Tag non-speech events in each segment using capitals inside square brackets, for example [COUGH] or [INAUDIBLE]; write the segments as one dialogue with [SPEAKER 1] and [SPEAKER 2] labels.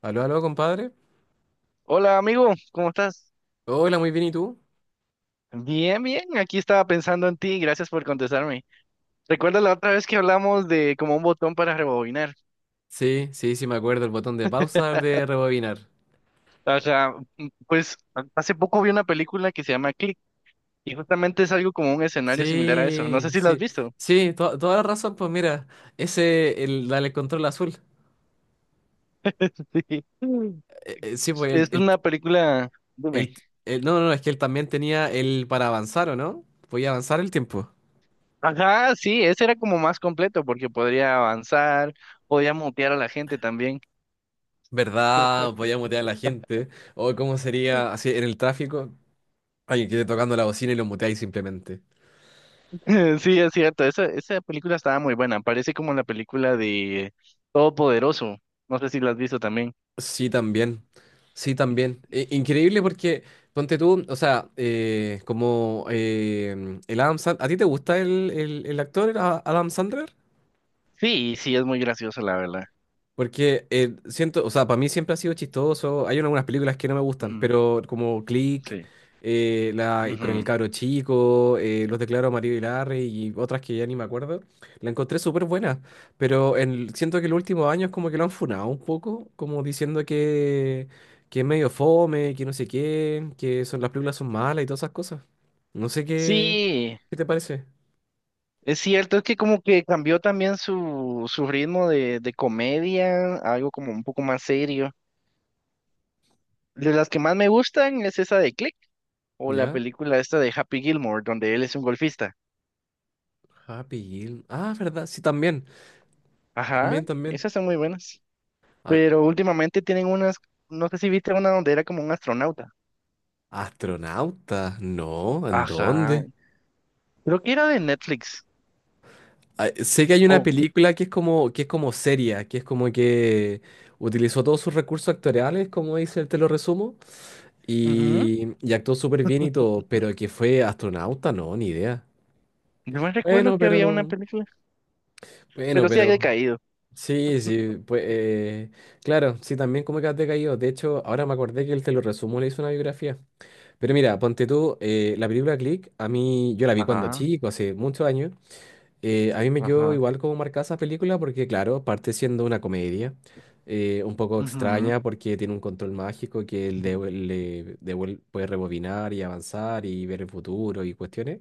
[SPEAKER 1] Aló, aló, compadre.
[SPEAKER 2] Hola amigo, ¿cómo estás?
[SPEAKER 1] Hola, muy bien, ¿y tú?
[SPEAKER 2] Bien, bien, aquí estaba pensando en ti, gracias por contestarme. ¿Recuerdas la otra vez que hablamos de como un botón para rebobinar?
[SPEAKER 1] Sí, sí, sí, me acuerdo, el botón de pausa, el de rebobinar.
[SPEAKER 2] O sea, Hace poco vi una película que se llama Click y justamente es algo como un escenario similar a eso. No sé
[SPEAKER 1] Sí,
[SPEAKER 2] si lo has
[SPEAKER 1] sí,
[SPEAKER 2] visto.
[SPEAKER 1] sí, toda la razón, pues mira, ese, el, dale control azul.
[SPEAKER 2] [LAUGHS] Mm.
[SPEAKER 1] Sí, pues
[SPEAKER 2] Es una película, dime.
[SPEAKER 1] el- no, no, no, es que él también tenía el para avanzar, ¿o no? Podía avanzar el tiempo.
[SPEAKER 2] Ajá, sí, ese era como más completo porque podría avanzar, podía mutear a la gente también.
[SPEAKER 1] ¿Verdad? Podía mutear a la gente. O cómo sería así en el tráfico, alguien que esté tocando la bocina y lo muteáis simplemente.
[SPEAKER 2] [LAUGHS] Sí, es cierto. Esa película estaba muy buena. Parece como la película de Todopoderoso. No sé si la has visto también.
[SPEAKER 1] Sí, también. Sí, también. Increíble porque, ponte tú, o sea, como el Adam Sandler, ¿a ti te gusta el actor Adam Sandler?
[SPEAKER 2] Sí, sí, es muy graciosa, la verdad.
[SPEAKER 1] Porque siento, o sea, para mí siempre ha sido chistoso. Hay algunas películas que no me gustan,
[SPEAKER 2] Ujú,
[SPEAKER 1] pero como Click,
[SPEAKER 2] sí.
[SPEAKER 1] la, con el
[SPEAKER 2] Ujú.
[SPEAKER 1] cabro chico, Los declaro a Mario y Larry y otras que ya ni me acuerdo, la encontré súper buena. Pero siento que en los últimos años como que lo han funado un poco, como diciendo que es medio fome, que no sé qué, que son, las películas son malas y todas esas cosas. No sé qué,
[SPEAKER 2] Sí,
[SPEAKER 1] qué te parece.
[SPEAKER 2] es cierto. Es que como que cambió también su ritmo de comedia, a algo como un poco más serio. De las que más me gustan es esa de Click o la
[SPEAKER 1] ¿Ya?
[SPEAKER 2] película esta de Happy Gilmore, donde él es un golfista.
[SPEAKER 1] Happy Gilmore. Ah, verdad, sí, también.
[SPEAKER 2] Ajá,
[SPEAKER 1] También, también.
[SPEAKER 2] esas son muy buenas.
[SPEAKER 1] Ah,
[SPEAKER 2] Pero últimamente tienen unas, no sé si viste una donde era como un astronauta.
[SPEAKER 1] astronauta, no, ¿en
[SPEAKER 2] Ajá,
[SPEAKER 1] dónde?
[SPEAKER 2] creo que era de Netflix.
[SPEAKER 1] Ah, sé que hay una
[SPEAKER 2] Oh,
[SPEAKER 1] película que es como seria, que es como que utilizó todos sus recursos actoriales, como dice el te lo resumo,
[SPEAKER 2] ujú.
[SPEAKER 1] y actuó súper bien y todo, pero que fue astronauta, no, ni idea.
[SPEAKER 2] No me recuerdo
[SPEAKER 1] Bueno,
[SPEAKER 2] que había una
[SPEAKER 1] pero,
[SPEAKER 2] película,
[SPEAKER 1] bueno,
[SPEAKER 2] pero sí había
[SPEAKER 1] pero,
[SPEAKER 2] caído.
[SPEAKER 1] sí, sí, pues, claro, sí, también como que has decaído. De hecho, ahora me acordé que el te lo resumo le hizo una biografía. Pero mira, ponte tú, la película Click, a mí, yo la vi cuando
[SPEAKER 2] Ajá,
[SPEAKER 1] chico, hace muchos años. A mí me quedó
[SPEAKER 2] ajá,
[SPEAKER 1] igual como marcada esa película porque, claro, parte siendo una comedia un poco
[SPEAKER 2] ujú,
[SPEAKER 1] extraña porque tiene un control mágico que él devu- le devuel- puede rebobinar y avanzar y ver el futuro y cuestiones.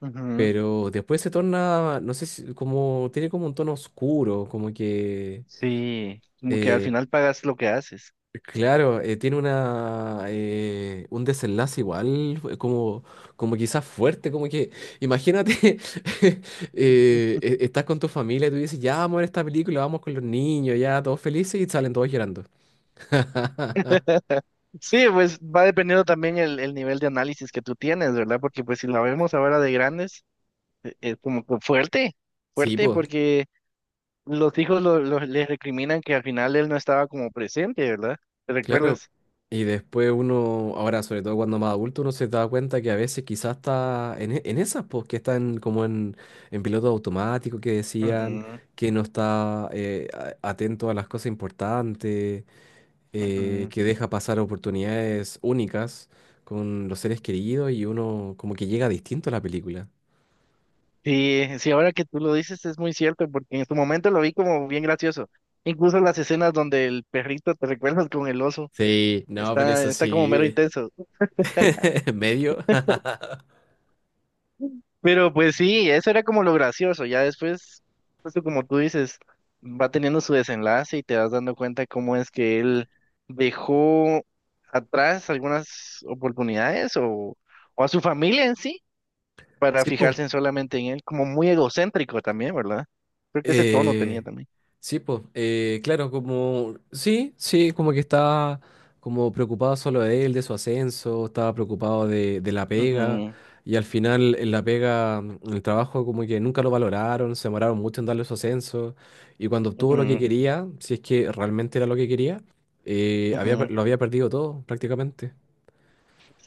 [SPEAKER 2] ujú.
[SPEAKER 1] Pero después se torna, no sé si, como, tiene como un tono oscuro, como que
[SPEAKER 2] Sí, como que al
[SPEAKER 1] eh,
[SPEAKER 2] final pagas lo que haces.
[SPEAKER 1] claro, tiene una un desenlace igual, fue como, como quizás fuerte, como que, imagínate, [LAUGHS] estás con tu familia y tú dices, ya vamos a ver esta película, vamos con los niños, ya todos felices y salen todos llorando. [LAUGHS]
[SPEAKER 2] [LAUGHS] Sí, pues va dependiendo también el nivel de análisis que tú tienes, ¿verdad? Porque pues si la vemos ahora de grandes, es como que fuerte,
[SPEAKER 1] Sí,
[SPEAKER 2] fuerte,
[SPEAKER 1] pues.
[SPEAKER 2] porque los hijos les recriminan que al final él no estaba como presente, ¿verdad? ¿Te
[SPEAKER 1] Claro,
[SPEAKER 2] recuerdas?
[SPEAKER 1] y después uno, ahora sobre todo cuando más adulto, uno se da cuenta que a veces quizás está en esas, pues que están como en piloto automático, que decían
[SPEAKER 2] Ujú,
[SPEAKER 1] que no está atento a las cosas importantes,
[SPEAKER 2] ujú.
[SPEAKER 1] que deja pasar oportunidades únicas con los seres queridos y uno como que llega distinto a la película.
[SPEAKER 2] Sí, sí, ahora que tú lo dices es muy cierto, porque en su momento lo vi como bien gracioso. Incluso las escenas donde el perrito te recuerdas con el oso,
[SPEAKER 1] Sí, no, pero
[SPEAKER 2] está,
[SPEAKER 1] eso
[SPEAKER 2] está como mero
[SPEAKER 1] sí,
[SPEAKER 2] intenso.
[SPEAKER 1] [LAUGHS] medio. [LAUGHS]
[SPEAKER 2] Pero pues sí, eso era como lo gracioso. Ya después, justo como tú dices, va teniendo su desenlace y te vas dando cuenta cómo es que él dejó atrás algunas oportunidades o a su familia en sí para
[SPEAKER 1] Sí, pues.
[SPEAKER 2] fijarse en solamente en él, como muy egocéntrico también, ¿verdad? Creo que ese tono tenía
[SPEAKER 1] Eh,
[SPEAKER 2] también.
[SPEAKER 1] sí, pues, claro, como, sí, sí, como que estaba como preocupado solo de él, de su ascenso, estaba preocupado de la pega,
[SPEAKER 2] Ujú.
[SPEAKER 1] y al final en la pega, en el trabajo como que nunca lo valoraron, se demoraron mucho en darle su ascenso, y cuando obtuvo lo que
[SPEAKER 2] Ujú,
[SPEAKER 1] quería, si es que realmente era lo que quería,
[SPEAKER 2] ujú.
[SPEAKER 1] lo había perdido todo prácticamente.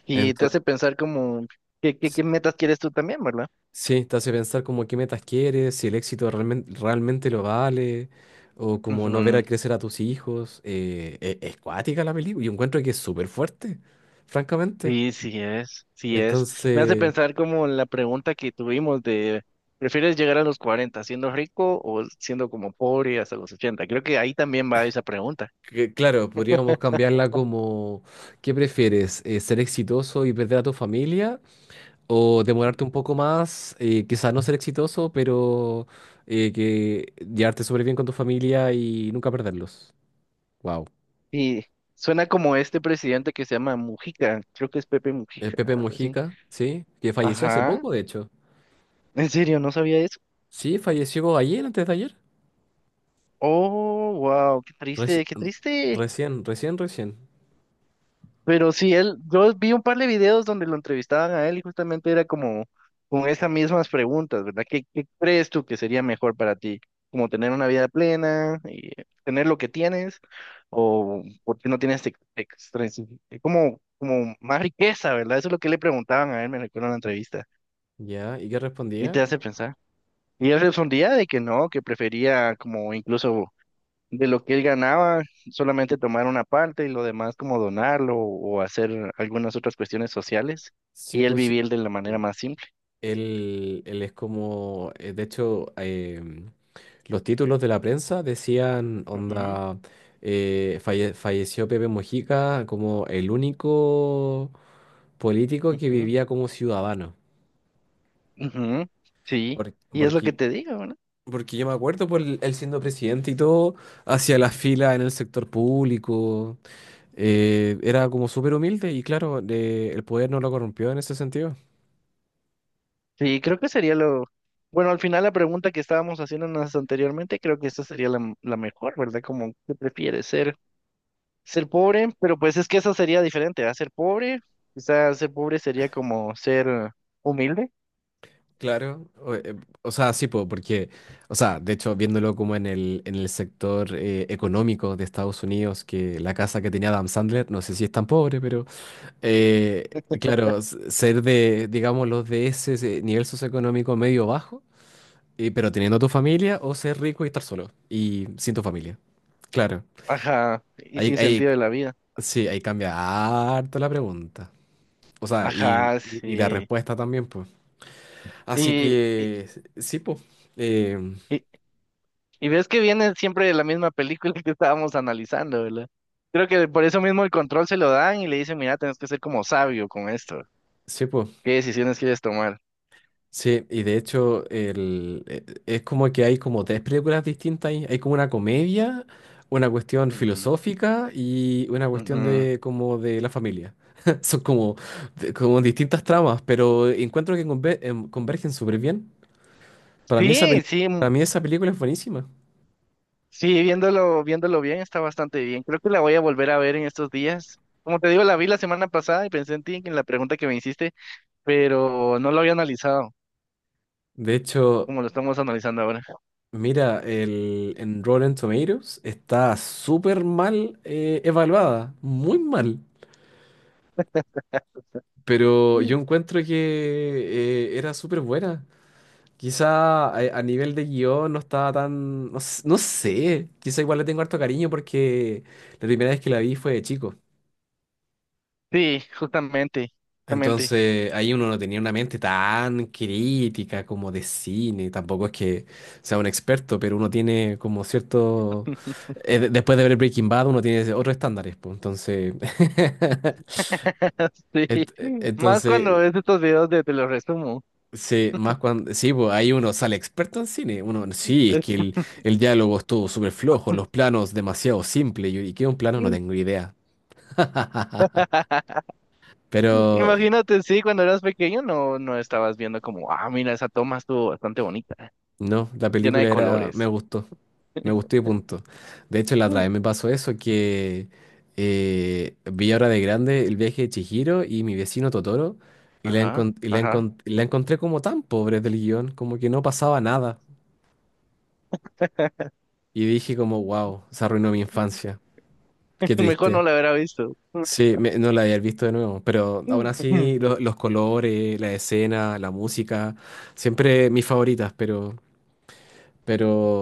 [SPEAKER 2] Y te
[SPEAKER 1] Entonces,
[SPEAKER 2] hace pensar como, ¿qué metas quieres tú también, verdad?
[SPEAKER 1] sí, te hace pensar como qué metas quieres, si el éxito realmente, realmente lo vale, o como no ver a
[SPEAKER 2] Ujú.
[SPEAKER 1] crecer a tus hijos. Es cuática la película. Yo encuentro que es súper fuerte, francamente.
[SPEAKER 2] Sí, sí es, sí es. Me hace
[SPEAKER 1] Entonces,
[SPEAKER 2] pensar como la pregunta que tuvimos de, ¿prefieres llegar a los 40 siendo rico o siendo como pobre hasta los 80? Creo que ahí también va esa pregunta.
[SPEAKER 1] claro, podríamos cambiarla como, ¿qué prefieres? ¿Ser exitoso y perder a tu familia? ¿O demorarte un poco más, quizás no ser exitoso, pero que llevarte súper bien con tu familia y nunca perderlos? Wow.
[SPEAKER 2] Y suena como este presidente que se llama Mujica, creo que es Pepe
[SPEAKER 1] El
[SPEAKER 2] Mujica,
[SPEAKER 1] Pepe
[SPEAKER 2] algo así.
[SPEAKER 1] Mujica, sí, que falleció hace
[SPEAKER 2] Ajá,
[SPEAKER 1] poco, de hecho.
[SPEAKER 2] en serio, no sabía eso.
[SPEAKER 1] Sí, falleció ayer, antes de ayer.
[SPEAKER 2] Oh, wow, qué
[SPEAKER 1] Reci-
[SPEAKER 2] triste, qué triste.
[SPEAKER 1] recién, recién, recién.
[SPEAKER 2] Pero sí, él, yo vi un par de videos donde lo entrevistaban a él y justamente era como con esas mismas preguntas, ¿verdad? ¿Qué crees tú que sería mejor para ti? ¿Como tener una vida plena y tener lo que tienes? ¿O por qué no tienes como, como más riqueza, verdad? Eso es lo que le preguntaban a él, me recuerdo en la entrevista.
[SPEAKER 1] Ya, ¿y qué
[SPEAKER 2] Y te
[SPEAKER 1] respondía?
[SPEAKER 2] hace pensar. Y él respondía de que no, que prefería como incluso de lo que él ganaba, solamente tomar una parte y lo demás como donarlo o hacer algunas otras cuestiones sociales
[SPEAKER 1] Sí,
[SPEAKER 2] y él
[SPEAKER 1] pues sí.
[SPEAKER 2] vivir de la manera más simple.
[SPEAKER 1] Él es como, de hecho, los títulos de la prensa decían,
[SPEAKER 2] Ujú,
[SPEAKER 1] onda, falleció Pepe Mujica como el único político que
[SPEAKER 2] ujú,
[SPEAKER 1] vivía como ciudadano.
[SPEAKER 2] ujú, sí, y es lo que
[SPEAKER 1] Porque,
[SPEAKER 2] te digo, ¿no?
[SPEAKER 1] porque yo me acuerdo él siendo presidente y todo, hacia la fila en el sector público, era como súper humilde y claro, el poder no lo corrompió en ese sentido.
[SPEAKER 2] Sí, creo que sería lo... Bueno, al final la pregunta que estábamos haciéndonos anteriormente, creo que esta sería la mejor, ¿verdad? Como, ¿qué prefieres? Ser, ser pobre, pero pues es que esa sería diferente, ¿ah? Ser pobre, quizás ser pobre sería como ser humilde,
[SPEAKER 1] Claro, o sea, sí, po, porque, o sea, de hecho, viéndolo como en el sector económico de Estados Unidos, que la casa que tenía Adam Sandler, no sé si es tan pobre, pero eh, claro, ser de, digamos, los de ese nivel socioeconómico medio bajo. Pero teniendo tu familia o ser rico y estar solo y sin tu familia. Claro.
[SPEAKER 2] ajá, y
[SPEAKER 1] Ahí,
[SPEAKER 2] sin
[SPEAKER 1] ahí,
[SPEAKER 2] sentido de la vida.
[SPEAKER 1] sí, ahí cambia harto la pregunta. O sea,
[SPEAKER 2] Ajá,
[SPEAKER 1] y la
[SPEAKER 2] sí.
[SPEAKER 1] respuesta también, pues. Así
[SPEAKER 2] Y, y,
[SPEAKER 1] que, sí, pues. Eh,
[SPEAKER 2] y, y ves que viene siempre la misma película que estábamos analizando, ¿verdad? Creo que por eso mismo el control se lo dan y le dicen, mira, tienes que ser como sabio con esto.
[SPEAKER 1] sí, pues.
[SPEAKER 2] ¿Qué decisiones quieres tomar?
[SPEAKER 1] Sí, y de hecho es como que hay como tres películas distintas ahí. Hay como una comedia, una cuestión
[SPEAKER 2] Ujú,
[SPEAKER 1] filosófica y una cuestión
[SPEAKER 2] ujú.
[SPEAKER 1] de como de la familia. [LAUGHS] Son como, como distintas tramas, pero encuentro que convergen súper bien. Para mí esa, pel-
[SPEAKER 2] Sí, sí, m-
[SPEAKER 1] para mí esa película es buenísima.
[SPEAKER 2] sí, viéndolo bien, está bastante bien. Creo que la voy a volver a ver en estos días. Como te digo, la vi la semana pasada y pensé en ti, en la pregunta que me hiciste, pero no lo había analizado
[SPEAKER 1] De hecho,
[SPEAKER 2] como lo estamos analizando ahora.
[SPEAKER 1] mira, el, en Rotten Tomatoes está súper mal evaluada, muy mal. Pero
[SPEAKER 2] Mm.
[SPEAKER 1] yo encuentro que era súper buena. Quizá a nivel de guión no estaba tan... No, no sé, quizá igual le tengo harto cariño porque la primera vez que la vi fue de chico.
[SPEAKER 2] Sí, justamente, justamente.
[SPEAKER 1] Entonces ahí uno no tenía una mente tan crítica como de cine, tampoco es que sea un experto, pero uno tiene como cierto... después de ver Breaking Bad uno tiene otros estándares, pues, entonces... [LAUGHS]
[SPEAKER 2] [LAUGHS] Sí, más cuando
[SPEAKER 1] Entonces,
[SPEAKER 2] ves estos videos de te los resumo.
[SPEAKER 1] sí, más cuando, sí, pues ahí uno sale experto en cine. Uno, sí, es que el diálogo estuvo súper flojo, los planos demasiado simples. Y qué es un plano no tengo
[SPEAKER 2] [LAUGHS]
[SPEAKER 1] idea. [LAUGHS] Pero
[SPEAKER 2] Imagínate, sí, cuando eras pequeño no, no estabas viendo como, ah, mira, esa toma estuvo bastante bonita,
[SPEAKER 1] no, la
[SPEAKER 2] llena de
[SPEAKER 1] película era, me
[SPEAKER 2] colores.
[SPEAKER 1] gustó. Me gustó y punto. De hecho, la otra
[SPEAKER 2] Mm.
[SPEAKER 1] vez me pasó eso que vi ahora de grande el viaje de Chihiro y mi vecino Totoro y
[SPEAKER 2] Ajá, ajá.
[SPEAKER 1] la encontré como tan pobre del guión, como que no pasaba nada. Y dije como, wow, se arruinó mi
[SPEAKER 2] Mm.
[SPEAKER 1] infancia. Qué
[SPEAKER 2] [LAUGHS] Mejor no
[SPEAKER 1] triste.
[SPEAKER 2] la hubiera visto.
[SPEAKER 1] Sí, no la había visto de nuevo, pero aún
[SPEAKER 2] Mm. [LAUGHS]
[SPEAKER 1] así los colores, la escena, la música, siempre mis favoritas, pero,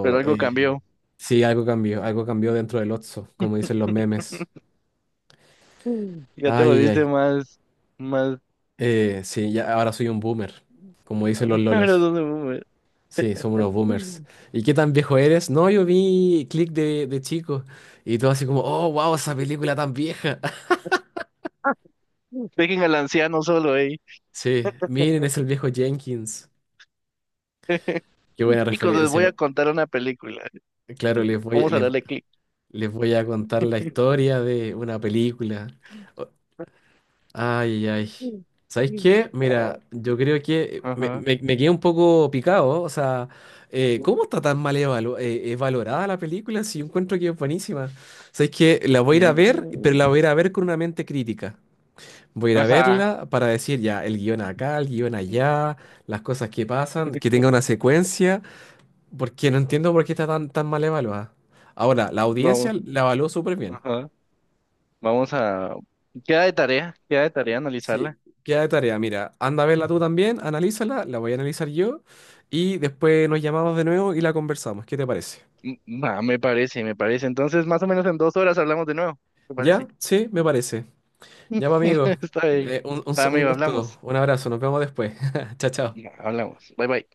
[SPEAKER 2] Pero algo
[SPEAKER 1] eh,
[SPEAKER 2] cambió.
[SPEAKER 1] sí, algo cambió dentro del Otso, como dicen los memes.
[SPEAKER 2] [LAUGHS] Mm. Ya te
[SPEAKER 1] Ay, ay,
[SPEAKER 2] volviste
[SPEAKER 1] ay.
[SPEAKER 2] más, más.
[SPEAKER 1] Sí, ya ahora soy un boomer, como dicen los
[SPEAKER 2] [LAUGHS] ¿Ahora
[SPEAKER 1] lolos.
[SPEAKER 2] dónde voy?
[SPEAKER 1] Sí, somos unos boomers.
[SPEAKER 2] Mm.
[SPEAKER 1] ¿Y qué tan viejo eres? No, yo vi Click de chico y todo así como, oh, wow, esa película tan vieja. [LAUGHS]
[SPEAKER 2] [LAUGHS] Dejen al anciano solo ahí.
[SPEAKER 1] Sí, miren, es el viejo Jenkins.
[SPEAKER 2] [LAUGHS]
[SPEAKER 1] Qué buena
[SPEAKER 2] Chicos, les voy
[SPEAKER 1] referencia.
[SPEAKER 2] a contar una película.
[SPEAKER 1] Claro, les voy,
[SPEAKER 2] Vamos a
[SPEAKER 1] les,
[SPEAKER 2] darle clic.
[SPEAKER 1] Les voy a contar la
[SPEAKER 2] [LAUGHS]
[SPEAKER 1] historia de una película. O- Ay, ay. ¿Sabes qué? Mira,
[SPEAKER 2] No,
[SPEAKER 1] yo creo que
[SPEAKER 2] ajá.
[SPEAKER 1] me quedé un poco picado. O sea, ¿cómo está tan mal valorada la película si yo encuentro que es buenísima? ¿Sabes qué? La voy a ir a ver, pero la voy
[SPEAKER 2] Sí.
[SPEAKER 1] a ir a ver con una mente crítica. Voy a ir a
[SPEAKER 2] Ajá.
[SPEAKER 1] verla para decir ya, el guión acá, el guión allá, las cosas que pasan, que tenga una secuencia. Porque no entiendo por qué está tan, tan mal evaluada. Ahora, la
[SPEAKER 2] Vamos.
[SPEAKER 1] audiencia la evaluó súper bien.
[SPEAKER 2] Ajá. Vamos a... queda de tarea
[SPEAKER 1] Sí,
[SPEAKER 2] analizarla.
[SPEAKER 1] queda de tarea. Mira, anda a verla tú también, analízala, la voy a analizar yo y después nos llamamos de nuevo y la conversamos. ¿Qué te parece?
[SPEAKER 2] Mm, ah, me parece, me parece. Entonces, más o menos en 2 horas hablamos de nuevo. ¿Te parece?
[SPEAKER 1] ¿Ya? Sí, me parece. Ya, pues, amigo.
[SPEAKER 2] [LAUGHS] Está bien.
[SPEAKER 1] Un un
[SPEAKER 2] Amigo,
[SPEAKER 1] gusto,
[SPEAKER 2] hablamos.
[SPEAKER 1] un abrazo, nos vemos después. [LAUGHS] Chao, chao.
[SPEAKER 2] Ya, hablamos. Bye bye.